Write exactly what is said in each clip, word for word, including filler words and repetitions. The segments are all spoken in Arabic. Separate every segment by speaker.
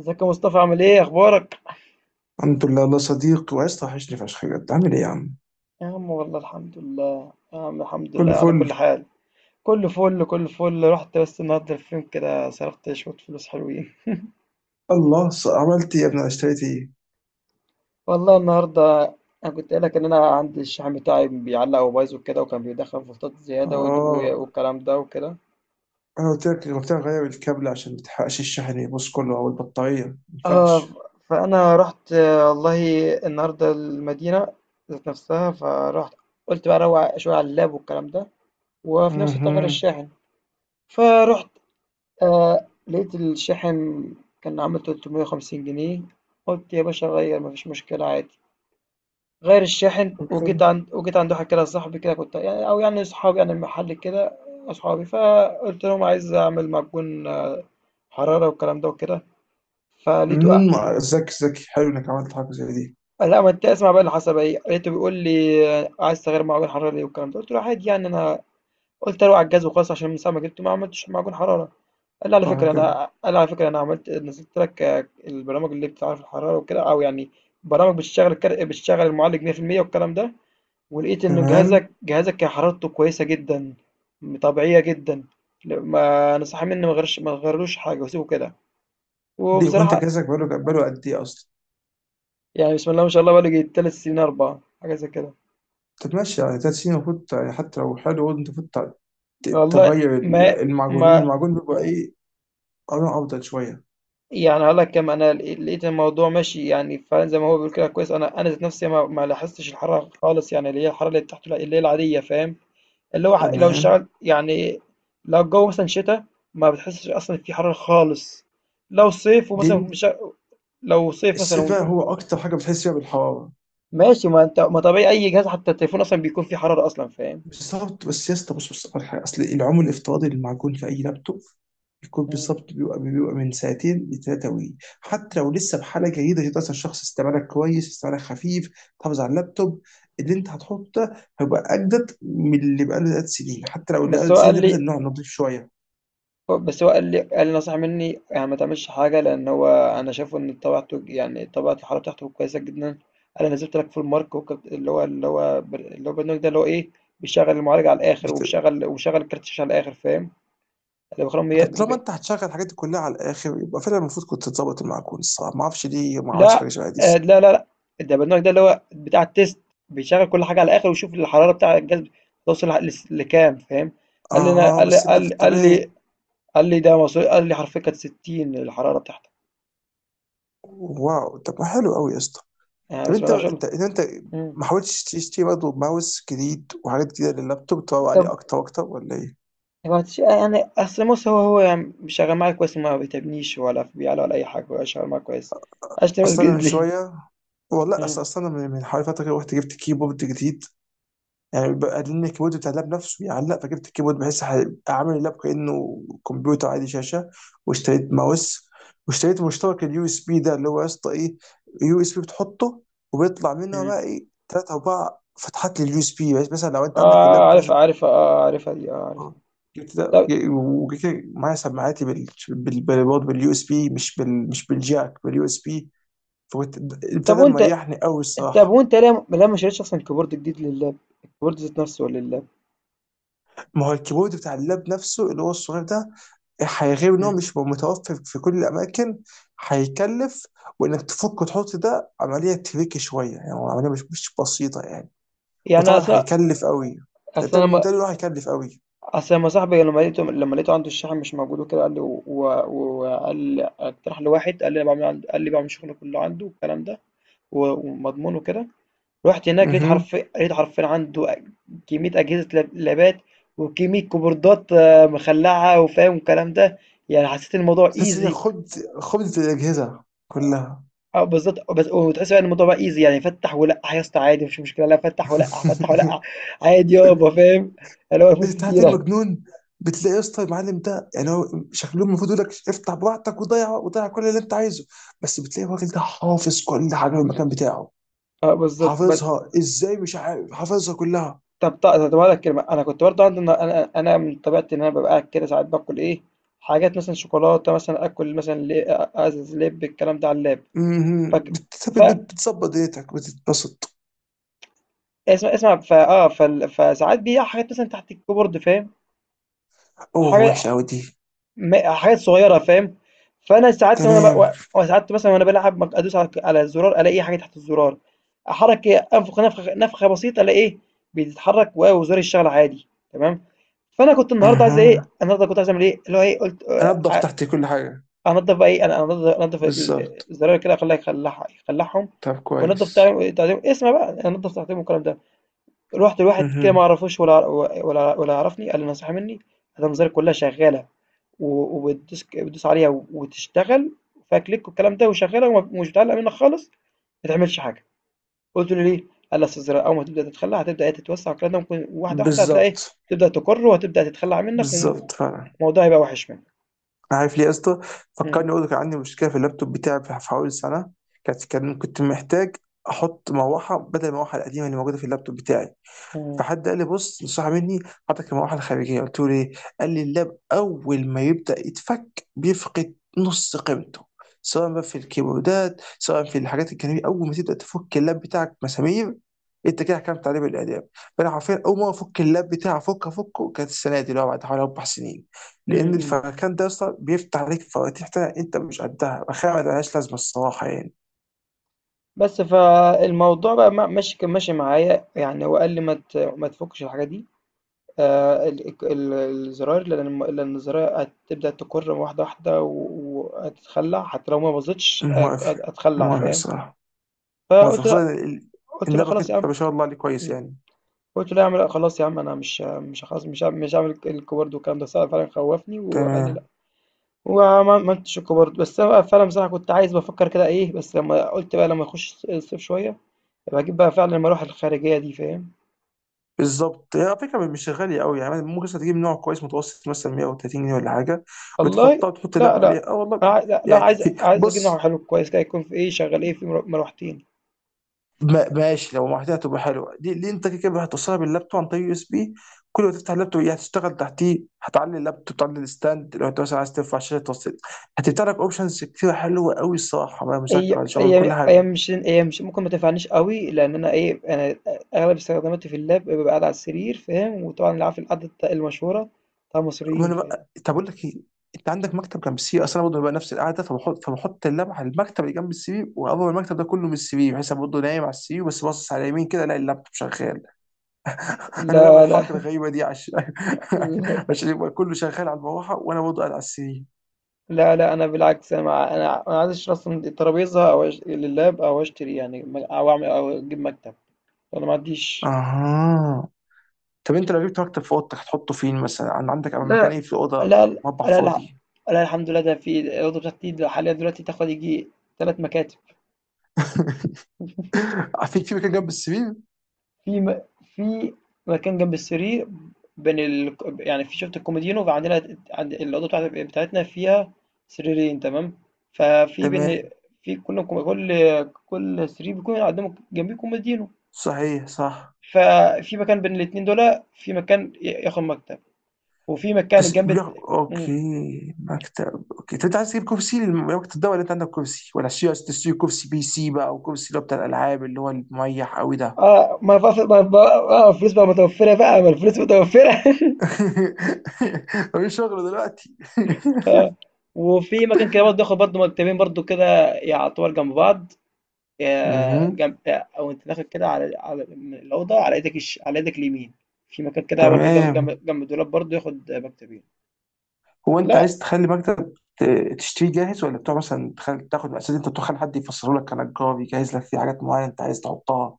Speaker 1: ازيك يا مصطفى عامل ايه اخبارك؟
Speaker 2: الحمد لله الله صديق وعايز توحشني فشخ بجد، عامل ايه يا عم؟
Speaker 1: يا عم والله الحمد لله يا عم الحمد لله
Speaker 2: كل
Speaker 1: على كل
Speaker 2: فل.
Speaker 1: حال. كله فل كله فل رحت بس النهارده الفيلم كده صرفت شويه فلوس حلوين.
Speaker 2: الله ص- عملت ايه يا ابني؟ أنا اشتريت ايه؟
Speaker 1: والله النهارده انا كنت قايل لك ان انا عندي الشحن بتاعي بيعلق وبايظ وكده وكان بيدخل فولتات زياده ود- و-
Speaker 2: اه،
Speaker 1: والكلام ده وكده.
Speaker 2: انا قلت لك قلت لك غير الكابل عشان ما تحرقش الشحن يبص كله او البطاريه ما
Speaker 1: اه ف-
Speaker 2: ينفعش.
Speaker 1: فانا رحت آه، والله النهارده المدينه ذات نفسها فرحت، قلت بقى اروق شويه على اللاب والكلام ده، وفي نفس الوقت اغير
Speaker 2: اها.
Speaker 1: الشاحن. فرحت آه لقيت الشاحن كان عامل ثلاثمائة وخمسين جنيه. قلت يا باشا غير مفيش مشكلة عادي، غير الشاحن.
Speaker 2: طب
Speaker 1: وجيت
Speaker 2: حلو.
Speaker 1: عند وجيت عند واحد كده صاحبي كده، كنت يعني أو يعني صحابي يعني المحل كده أصحابي، فقلت لهم عايز أعمل معجون حرارة والكلام ده وكده. فلقيته قا-
Speaker 2: امم ذكي ذكي، حلو انك عملت حاجه زي دي.
Speaker 1: لا ما انت اسمع بقى اللي حصل بقى ايه. لقيته بيقول لي عايز تغير معجون حرارة ليه والكلام ده، قلت له عادي يعني أنا قلت اروح على الجهاز وخلاص عشان من ساعة ما جبته ما عملتش معجون حرارة. قال لي على
Speaker 2: صح
Speaker 1: فكرة
Speaker 2: كده.
Speaker 1: أنا قال لي على فكرة أنا عملت نزلت لك آه، البرامج اللي بتعرف الحرارة وكده أو يعني برامج بتشتغل الكر... بتشتغل المعالج مية في المية والكلام ده، ولقيت إن
Speaker 2: تمام.
Speaker 1: جهازك جهازك كان حرارته كويسة جدا، طبيعية جدا. لا- ما نصح مني، ما غيرش، ما غيرلوش حاجة وسيبه كده.
Speaker 2: ليه، هو انت
Speaker 1: وبصراحة
Speaker 2: جهازك بقاله بقاله قد ايه اصلا؟
Speaker 1: يعني بسم الله ما شاء الله بقالي تلات سنين أربعة حاجة زي كده.
Speaker 2: طب ماشي، يعني ثلاث سنين المفروض يعني حتى لو حلو برضه انت المفروض ت-
Speaker 1: والله
Speaker 2: تغير ال-
Speaker 1: ما
Speaker 2: المعجونين
Speaker 1: ما
Speaker 2: المعجون، بيبقى ايه قرن افضل شويه.
Speaker 1: يعني هاقول لك كام. أنا ل لقيت الموضوع ماشي يعني فعلًا زي ما هو بيقول، كده كويس. أنا أنا ذات نفسي ما ما لاحظتش الحرارة خالص، يعني اللي هي الحرارة اللي تحت اللي هي العادية، فاهم، اللي هو ح لو
Speaker 2: تمام.
Speaker 1: اشتغلت يعني. لو الجو مثلًا شتا ما بتحسش أصلًا في حرارة خالص. لو صيف
Speaker 2: دي
Speaker 1: ومثلًا مش ع لو صيف مثلًا
Speaker 2: السباع هو اكتر حاجه بتحس فيها بالحراره.
Speaker 1: ماشي. ما أنت ما طبيعي أي جهاز حتى التليفون أصلًا بيكون فيه حرارة أصلًا، فاهم.
Speaker 2: بالظبط، بس يا اسطى بص بص على حاجه، اصل العمر الافتراضي للمعجون في اي لابتوب يكون
Speaker 1: إمم،
Speaker 2: بالظبط بيبقى بيبقى من ساعتين لثلاثه وي حتى لو لسه بحاله جيده، تقدر الشخص استعمالك كويس، استعمالك خفيف، تحافظ على اللابتوب. اللي انت هتحطه ده هيبقى اجدد من اللي بقاله ثلاث سنين، حتى لو اللي بقاله
Speaker 1: بس هو
Speaker 2: ثلاث سنين
Speaker 1: قال
Speaker 2: ده مثلا
Speaker 1: لي،
Speaker 2: نوع نضيف شويه.
Speaker 1: هو- بس هو قال لي قال لي نصح مني يعني ما تعملش حاجة، لأن هو أنا شايفه إن طبيعته يعني طبيعة الحالة بتاعته كويسة جدا. أنا نزلت لك فول مارك وكبت- اللي هو اللي هو بر- اللي هو البرنامج ده اللي هو إيه، بيشغل المعالج على الآخر
Speaker 2: بت-
Speaker 1: وبيشغل وبيشغل الكارت الشاشة على الآخر، فاهم. اللي بخرم ي...
Speaker 2: طب طالما
Speaker 1: ب...
Speaker 2: انت هتشغل الحاجات دي كلها على الاخر، يبقى فعلا المفروض كنت تظبط المعجون. الصراحه ما اعرفش ليه ما عملتش حاجه
Speaker 1: لا
Speaker 2: شبه دي.
Speaker 1: آه لا لا لا ده البرنامج ده اللي هو بتاع التيست، بيشغل كل حاجة على الآخر ويشوف الحرارة بتاع الجهاز توصل ل- لكام، فاهم. قال لي أنا
Speaker 2: اه،
Speaker 1: قال لي
Speaker 2: بس انت
Speaker 1: قال
Speaker 2: في
Speaker 1: لي قال
Speaker 2: الطبيعي.
Speaker 1: لي قال لي ده مصري، قال لي حرفيا كانت ستين الحرارة بتاعتك.
Speaker 2: واو، طب ما حلو قوي يا اسطى.
Speaker 1: يعني
Speaker 2: طب
Speaker 1: بسم
Speaker 2: انت
Speaker 1: الله ما شاء
Speaker 2: انت
Speaker 1: الله.
Speaker 2: انت
Speaker 1: مم.
Speaker 2: ما حاولتش تشتري برضه ماوس جديد وحاجات جديده لللابتوب تروق عليه
Speaker 1: طب
Speaker 2: اكتر واكتر، ولا ايه؟
Speaker 1: هو تش- يعني اصل بص، هو هو يعني شغال معايا كويس، ما بيتعبنيش ولا في بيعلى ولا اي حاجه، هو شغال معايا كويس، اشتري بس
Speaker 2: اصلا انا من
Speaker 1: جديد ليه؟
Speaker 2: شويه، والله اصلا
Speaker 1: مم.
Speaker 2: اصلا من من حوالي فتره كده رحت جبت كيبورد جديد. يعني بقى لان الكيبورد بتاع اللاب نفسه يعلق، فجبت الكيبورد بحيث ح- اعمل اللاب كانه كمبيوتر عادي، شاشه، واشتريت ماوس، واشتريت مشترك اليو اس بي ده اللي هو يا اسطى ايه، يو اس بي بتحطه وبيطلع منها
Speaker 1: مم.
Speaker 2: بقى ايه ثلاث اربع فتحات لليو اس بي. بس مثلا لو انت عندك
Speaker 1: اه
Speaker 2: اللاب
Speaker 1: عارف
Speaker 2: مثلا،
Speaker 1: عارف اه عارفها دي اه
Speaker 2: اه
Speaker 1: عارفها.
Speaker 2: جبت ده
Speaker 1: طب
Speaker 2: ج- وجبت كده معايا سماعاتي بال بال- بال- برضه باليو اس بي، مش بال مش بالجاك، باليو اس بي. فكنت، البتاع
Speaker 1: طب
Speaker 2: ده
Speaker 1: وانت
Speaker 2: مريحني قوي
Speaker 1: طب
Speaker 2: الصراحه.
Speaker 1: وانت ليه ليه ما شريتش اصلا كيبورد جديد لللاب، الكيبورد ذات نفسه لللاب.
Speaker 2: ما هو الكيبورد بتاع اللاب نفسه اللي هو الصغير ده، هيغير ان هو
Speaker 1: مم.
Speaker 2: مش متوفر في كل الاماكن، هيكلف، وانك تفك وتحط ده عمليه تريكي شويه، يعني هو عمليه مش مش بسيطه يعني،
Speaker 1: يعني
Speaker 2: وطبعا
Speaker 1: اصلا
Speaker 2: هيكلف قوي. ده ده
Speaker 1: اصلا
Speaker 2: ده
Speaker 1: لما
Speaker 2: اللي هو هيكلف قوي.
Speaker 1: اصلا لما صاحبي لما لقيته لما لقيته عنده الشاحن مش موجود وكده، قال لي و- و- وقال اقترح لي واحد، قال لي أنا بعمل عند- قال لي بعمل شغل كله عنده والكلام ده و- ومضمون وكده. رحت هناك لقيت
Speaker 2: اها.
Speaker 1: حرفيا لقيت حرفيا عنده أ- كمية أجهزة لاب- لابات، وكمية كيبوردات آه، مخلعة، وفاهم الكلام ده. يعني حسيت إن الموضوع
Speaker 2: تحس انك
Speaker 1: ايزي،
Speaker 2: خبز خبز الاجهزه كلها.
Speaker 1: أو بالظبط. بس وتحس بقى إن الموضوع بقى ايزي، يعني فتح ولقح يا اسطى عادي مفيش مشكلة، لا فتح ولقح فتح ولقح عادي يابا فاهم، اللي هو فلوس
Speaker 2: انت عارف ايه
Speaker 1: كتيرة.
Speaker 2: المجنون، بتلاقي يا اسطى المعلم ده يعني هو شكله المفروض يقول لك افتح براحتك وضيع وضيع كل اللي انت عايزه، بس بتلاقي الراجل ده حافظ كل حاجه في المكان بتاعه.
Speaker 1: اه بالظبط. بس-
Speaker 2: حافظها ازاي، مش عارف، حافظها كلها.
Speaker 1: طب طب طب أقول لك كلمة. أنا كنت برضه عندي، أنا أنا أنا من طبيعتي إن أنا ببقى قاعد كده ساعات باكل إيه، حاجات مثلا شوكولاتة، مثلا آكل مثلا لي- أزز لب، الكلام ده على اللاب.
Speaker 2: مهم.
Speaker 1: فك...
Speaker 2: بت- بت- بتظبط دنيتك بتتبسط.
Speaker 1: اسمع اسمع ف اه فال- فساعات بيقع حاجات مثلا تحت الكيبورد، فاهم،
Speaker 2: اوه
Speaker 1: حاجه،
Speaker 2: وحشه قوي دي.
Speaker 1: م- حاجات صغيره فاهم. فانا ساعات وانا
Speaker 2: تمام.
Speaker 1: بق... ساعات مثلا وانا بلعب ممكن ادوس على على الزرار، الاقي حاجه تحت الزرار، احرك انفخ نفخه نفخه بسيطه، الاقي ايه بيتحرك، و- وزرار الشغل عادي تمام. فانا كنت النهارده عايز ايه
Speaker 2: اها.
Speaker 1: النهارده كنت عايز اعمل ايه، اللي هو ايه، قلت
Speaker 2: انضف
Speaker 1: آه،
Speaker 2: تحتي كل حاجه.
Speaker 1: انضف بقى ايه. انا انضف انضف ال-
Speaker 2: بالظبط.
Speaker 1: الزرار كده، اخليها يخلعها يخلعهم،
Speaker 2: طب
Speaker 1: وانضف
Speaker 2: كويس.
Speaker 1: تعليم تعليم اسمع بقى، انضف تعليم والكلام ده. رُحت لواحد كده ما
Speaker 2: اها.
Speaker 1: أعرفوش ولا ولا ولا يعرفني. قال لي نصيحة مني، الأنظار كلها شغالة، و وبتدوس ك بتدوس عليها وتشتغل وفيها كليك والكلام ده، وشغالة وم ومش بتعلق منك خالص، ما تعملش حاجة. قلت له: "ليه؟" قال لي: "أصل الزراعة أول ما تبدأ تتخلى هتبدأ إيه تتوسع والكلام ده، ممكن واحدة، واحدة هتلاقي إيه
Speaker 2: بالظبط.
Speaker 1: تبدأ تُكُر، وهتبدأ تتخلى عن منك و
Speaker 2: بالظبط فعلا.
Speaker 1: والموضوع هيبقى وِحِش منك."
Speaker 2: عارف ليه يا اسطى،
Speaker 1: إمم،
Speaker 2: فكرني اقول لك عندي مشكله في اللابتوب بتاعي، في في حوالي سنه، كانت كان كنت محتاج احط مروحه بدل المروحه القديمه اللي موجوده في اللابتوب بتاعي،
Speaker 1: إمم،
Speaker 2: فحد قال لي بص نصح مني، حطك المروحه الخارجيه. قلت له ليه؟ قال لي اللاب اول ما يبدا يتفك بيفقد نص قيمته، سواء بقى في الكيبوردات سواء في الحاجات الجانبيه، اول ما تبدا تفك اللاب بتاعك مسامير انت كده حكمت عليه بالاعدام. فانا حرفيا اول ما افك اللاب بتاعي، افك افكه، كانت السنه دي اللي هو بعد حوالي اربع سنين،
Speaker 1: إمم،
Speaker 2: لان
Speaker 1: إمم.
Speaker 2: الفركان ده اصلا بيفتح عليك فواتير تانية انت مش قدها، بخير ما لهاش لازمه الصراحه يعني.
Speaker 1: بس فالموضوع بقى ما ماشي كان ماشي معايا، يعني هو قال لي: "ما ت ما تفكش الحاجة دي." آه، ال- الك- ال- الزراير، لان لان الزراير هتبدأ تكر واحدة واحدة و- وهتتخلع، حتى لو ما باظتش أك-
Speaker 2: موافق.
Speaker 1: أت- اتخلع،
Speaker 2: موافق
Speaker 1: فاهم.
Speaker 2: الصراحه. موافق،
Speaker 1: فقلت لا،
Speaker 2: خصوصا ان
Speaker 1: قلت
Speaker 2: إن
Speaker 1: لا
Speaker 2: لابك
Speaker 1: خلاص يا
Speaker 2: انت
Speaker 1: عم.
Speaker 2: ما شاء الله عليه كويس
Speaker 1: مم.
Speaker 2: يعني.
Speaker 1: قلت له يا عم لا خلاص يا عم، انا مش مش خلاص مش هعمل- مش هعمل الك- الكوبرد والكلام ده، صراحة فعلا خوفني وقال لي لا.
Speaker 2: تمام.
Speaker 1: وما ما عملتش الكوبرد، بس انا فعلا بصراحة كنت عايز، بفكر كده ايه، بس لما قلت بقى لما اخش الصيف شوية، بجيب بقى فعلا لما اروح الخارجية دي، فاهم.
Speaker 2: بالظبط. هي على فكره مش غاليه قوي، يعني ممكن مثلا تجيب نوع كويس متوسط مثلا مية وتلاتين جنيه ولا حاجه، بتحطها
Speaker 1: والله
Speaker 2: وتحط اللب
Speaker 1: لا لا.
Speaker 2: عليها. اه والله.
Speaker 1: أنا عاي- لا, لا
Speaker 2: يعني
Speaker 1: عايز عايز اجيب نوع
Speaker 2: بص،
Speaker 1: حلو كويس كده، يكون في ايه شغال ايه، في مرو- مروحتين.
Speaker 2: ما- ماشي لو محتاجها تبقى حلوه دي, دي, انت كده كده هتوصلها باللابتوب عن طريق يو اس بي، كل ما تفتح اللابتوب هي هتشتغل تحتيه، هتعلي اللابتوب، تعلي الستاند، لو انت مثلا عايز ترفع شاشه توصل، هتفتح لك اوبشنز كتير حلوه قوي الصراحه، بقى مذاكره
Speaker 1: هي
Speaker 2: ولا شغل كل
Speaker 1: هي هي
Speaker 2: حاجه.
Speaker 1: مش هي مش ممكن ما تنفعنيش قوي، لان انا ايه انا اغلب استخداماتي في اللاب ببقى قاعد على السرير فاهم، وطبعا اللي عارف القعده بتاع- المشهوره بتاع المصريين،
Speaker 2: وانا
Speaker 1: فاهم.
Speaker 2: بقى طب اقول لك ايه، انت عندك مكتب جنب السي في؟ اصل انا برضه ببقى نفس القعده، فبحط فبحط اللمعه على المكتب اللي جنب السي في، واقرب المكتب ده كله من السي في، بحيث أنا برضه نايم على السي في بس باصص على اليمين كده الاقي اللابتوب شغال. انا بعمل
Speaker 1: لا
Speaker 2: الحركه
Speaker 1: لا.
Speaker 2: الغريبه دي عشان عشان يبقى كله شغال على المروحه وانا برضه قاعد على السي في.
Speaker 1: لا لا، انا بالعكس، انا مع- انا انا عايز اشتري اصلا الترابيزه، او أش- لللاب، او اشتري يعني او اعمل او اجيب مكتب، انا ما عنديش.
Speaker 2: اها. طب انت لو جبت مكتب في اوضتك هتحطه فين مثلا، عن- عندك مكان
Speaker 1: لا
Speaker 2: ايه في اوضه؟
Speaker 1: لا لا
Speaker 2: مطبخ
Speaker 1: لا, لا
Speaker 2: فاضي؟
Speaker 1: لا الحمد لله، ده في الأوضة بتاعتي ده حاليا دلوقتي تاخد يجي ثلاث مكاتب.
Speaker 2: في في مكان جنب السرير،
Speaker 1: في م... في مكان جنب السرير، بين ال... يعني في شفت الكوميدينو، وعندنا عند الأوضة بتاعت... بتاعتنا فيها سريرين تمام. ففي بين
Speaker 2: تمام.
Speaker 1: في كل كل كل سرير بيكون قدامه جنبيه كوميدينو،
Speaker 2: صحيح صح.
Speaker 1: ففي مكان بين الاتنين دول، في مكان ي- ياخد مكتب، وفي مكان
Speaker 2: بس
Speaker 1: جنب
Speaker 2: يا
Speaker 1: الت-
Speaker 2: اوكي، مكتب. اوكي، طب انت عايز تجيب كرسي لمكتب ده ولا انت عندك كرسي، ولا عشان عايز تشتري كرسي بي سي بقى، او كرسي اللي هو بتاع الالعاب اللي هو المريح قوي ده؟
Speaker 1: آه، ما بقى ف ما ب آه، الفلوس بقى متوفّرة بقى، ما الفلوس متوفّرة.
Speaker 2: مفيش شغل دلوقتي.
Speaker 1: آه، وفي مكان كده برضه آخد برضه مكتبين برضه كده يعتبر جنب بعض. آآ،
Speaker 2: مهم.
Speaker 1: جنب، وأنت داخل كده على على من الأوضة على إيدك الش على إيدك اليمين، في مكان كده برضه جنب جنب
Speaker 2: تمام.
Speaker 1: جنب الدولاب برضه ياخد مكتبين.
Speaker 2: هو انت
Speaker 1: لأ،
Speaker 2: عايز تخلي مكتب ت- تشتريه جاهز، ولا بتوع مثلا تخل... تاخد اساس انت تخلي حد يفسره لك كنجار يجهز لك في حاجات معينه انت عايز تحطها؟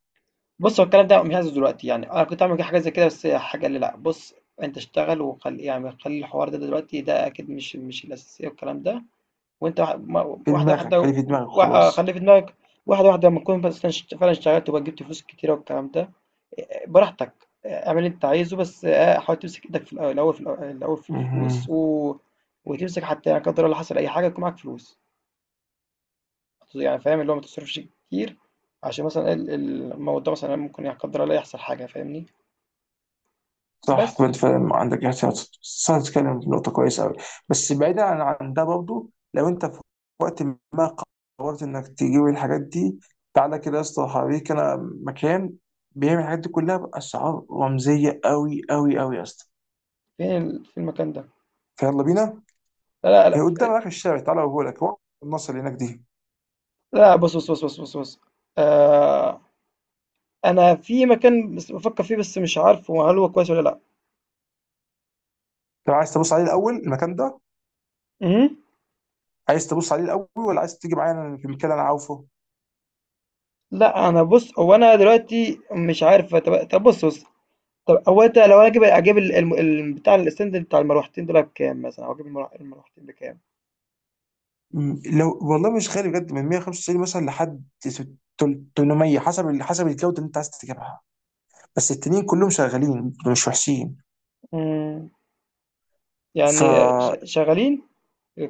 Speaker 1: بُص، هو الكلام ده مش عايزه دلوقتي يعني، أنا كنت هاعمل حاجة زي كده، بس الحاج قال لي لأ، بُص أنت اشتغل وخلّي يعني خلّي الحوار ده دلوقتي، ده أكيد مش مش الأساسية والكلام ده. وانت واحد- ما-
Speaker 2: في
Speaker 1: واحده
Speaker 2: دماغك، خلي
Speaker 1: واحده،
Speaker 2: في دماغك
Speaker 1: وا- آه،
Speaker 2: وخلاص.
Speaker 1: خلي في دماغك، واحده واحده لما تكون بس اشت- فعلا اشتغلت وبقى جبت فلوس كتيره والكلام ده. آه، براحتك، آه، اعمل اللي انت عايزه، بس آه، حاول تمسك ايدك في الأول- الاول في الأول الأول في الفلوس،
Speaker 2: مهم.
Speaker 1: و... وتمسك حتى يعني قدر الله حصل اي حاجه يكون معاك فلوس، يعني فاهم اللي هو ما تصرفش كتير، عشان مثلا ال- ال- الموضوع مثلا ممكن يعني قدر الله يحصل حاجه فاهمني.
Speaker 2: صح. طب
Speaker 1: بس
Speaker 2: انت فاهم، عندك احتياط. صح، تتكلم في نقطة كويسة أوي. بس بعيدا عن عن ده برضه، لو انت في وقت ما قررت انك تجيب الحاجات دي، تعالى كده يا اسطى هوريك انا مكان بيعمل الحاجات دي كلها بأسعار رمزية أوي أوي أوي يا اسطى.
Speaker 1: فين ال- في المكان ده؟
Speaker 2: فيلا بينا.
Speaker 1: لا لا
Speaker 2: هي
Speaker 1: لا
Speaker 2: قدام اخر الشارع، تعالى اوريهولك، هو النصر اللي هناك دي.
Speaker 1: لا، بص بص بص بص بص بص آه، أنا في مكان بس بافكّر فيه، بس مش عارفه هل هو كويس والّا لأ.
Speaker 2: لو عايز تبص عليه الأول المكان ده،
Speaker 1: اهم،
Speaker 2: عايز تبص عليه الأول ولا عايز تيجي معايا في المكان اللي أنا عارفه؟
Speaker 1: لأ أنا بُص، هو أنا دلوقتي مش عارف. طب طب بُص، بُص، طب هو أنت، لو أنا أجيب أجيب ال الم ال بتاع الstand بتاع المروحتين دُولة بكام مثلًا، أو أجيب المر المروحتين بكام؟
Speaker 2: مم. لو والله مش غالي بجد، من مائة وخمسة وتسعين مثلا لحد ست- تل- ثمانمائة، حسب ال- حسب الجوده اللي انت عايز تجيبها، بس التانيين كلهم شغالين، مش وحشين.
Speaker 1: إمم،
Speaker 2: فا
Speaker 1: يعني ش شغالين؟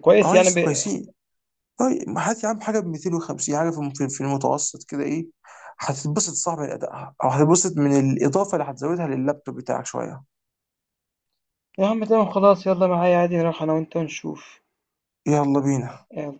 Speaker 1: كويس
Speaker 2: اه،
Speaker 1: يعني
Speaker 2: يس
Speaker 1: ب.
Speaker 2: كويسين. طيب هات يا عم حاجه ب ميتين وخمسين، حاجه في الم- في في المتوسط كده، ايه هتتبسط صح من ادائها، او هتتبسط من الاضافه اللي هتزودها لللابتوب بتاعك شويه.
Speaker 1: يا عم تمام خلاص يالّا معايا عادي نروح أنا وأنت ونشوف،
Speaker 2: يلا بينا.
Speaker 1: يالّا.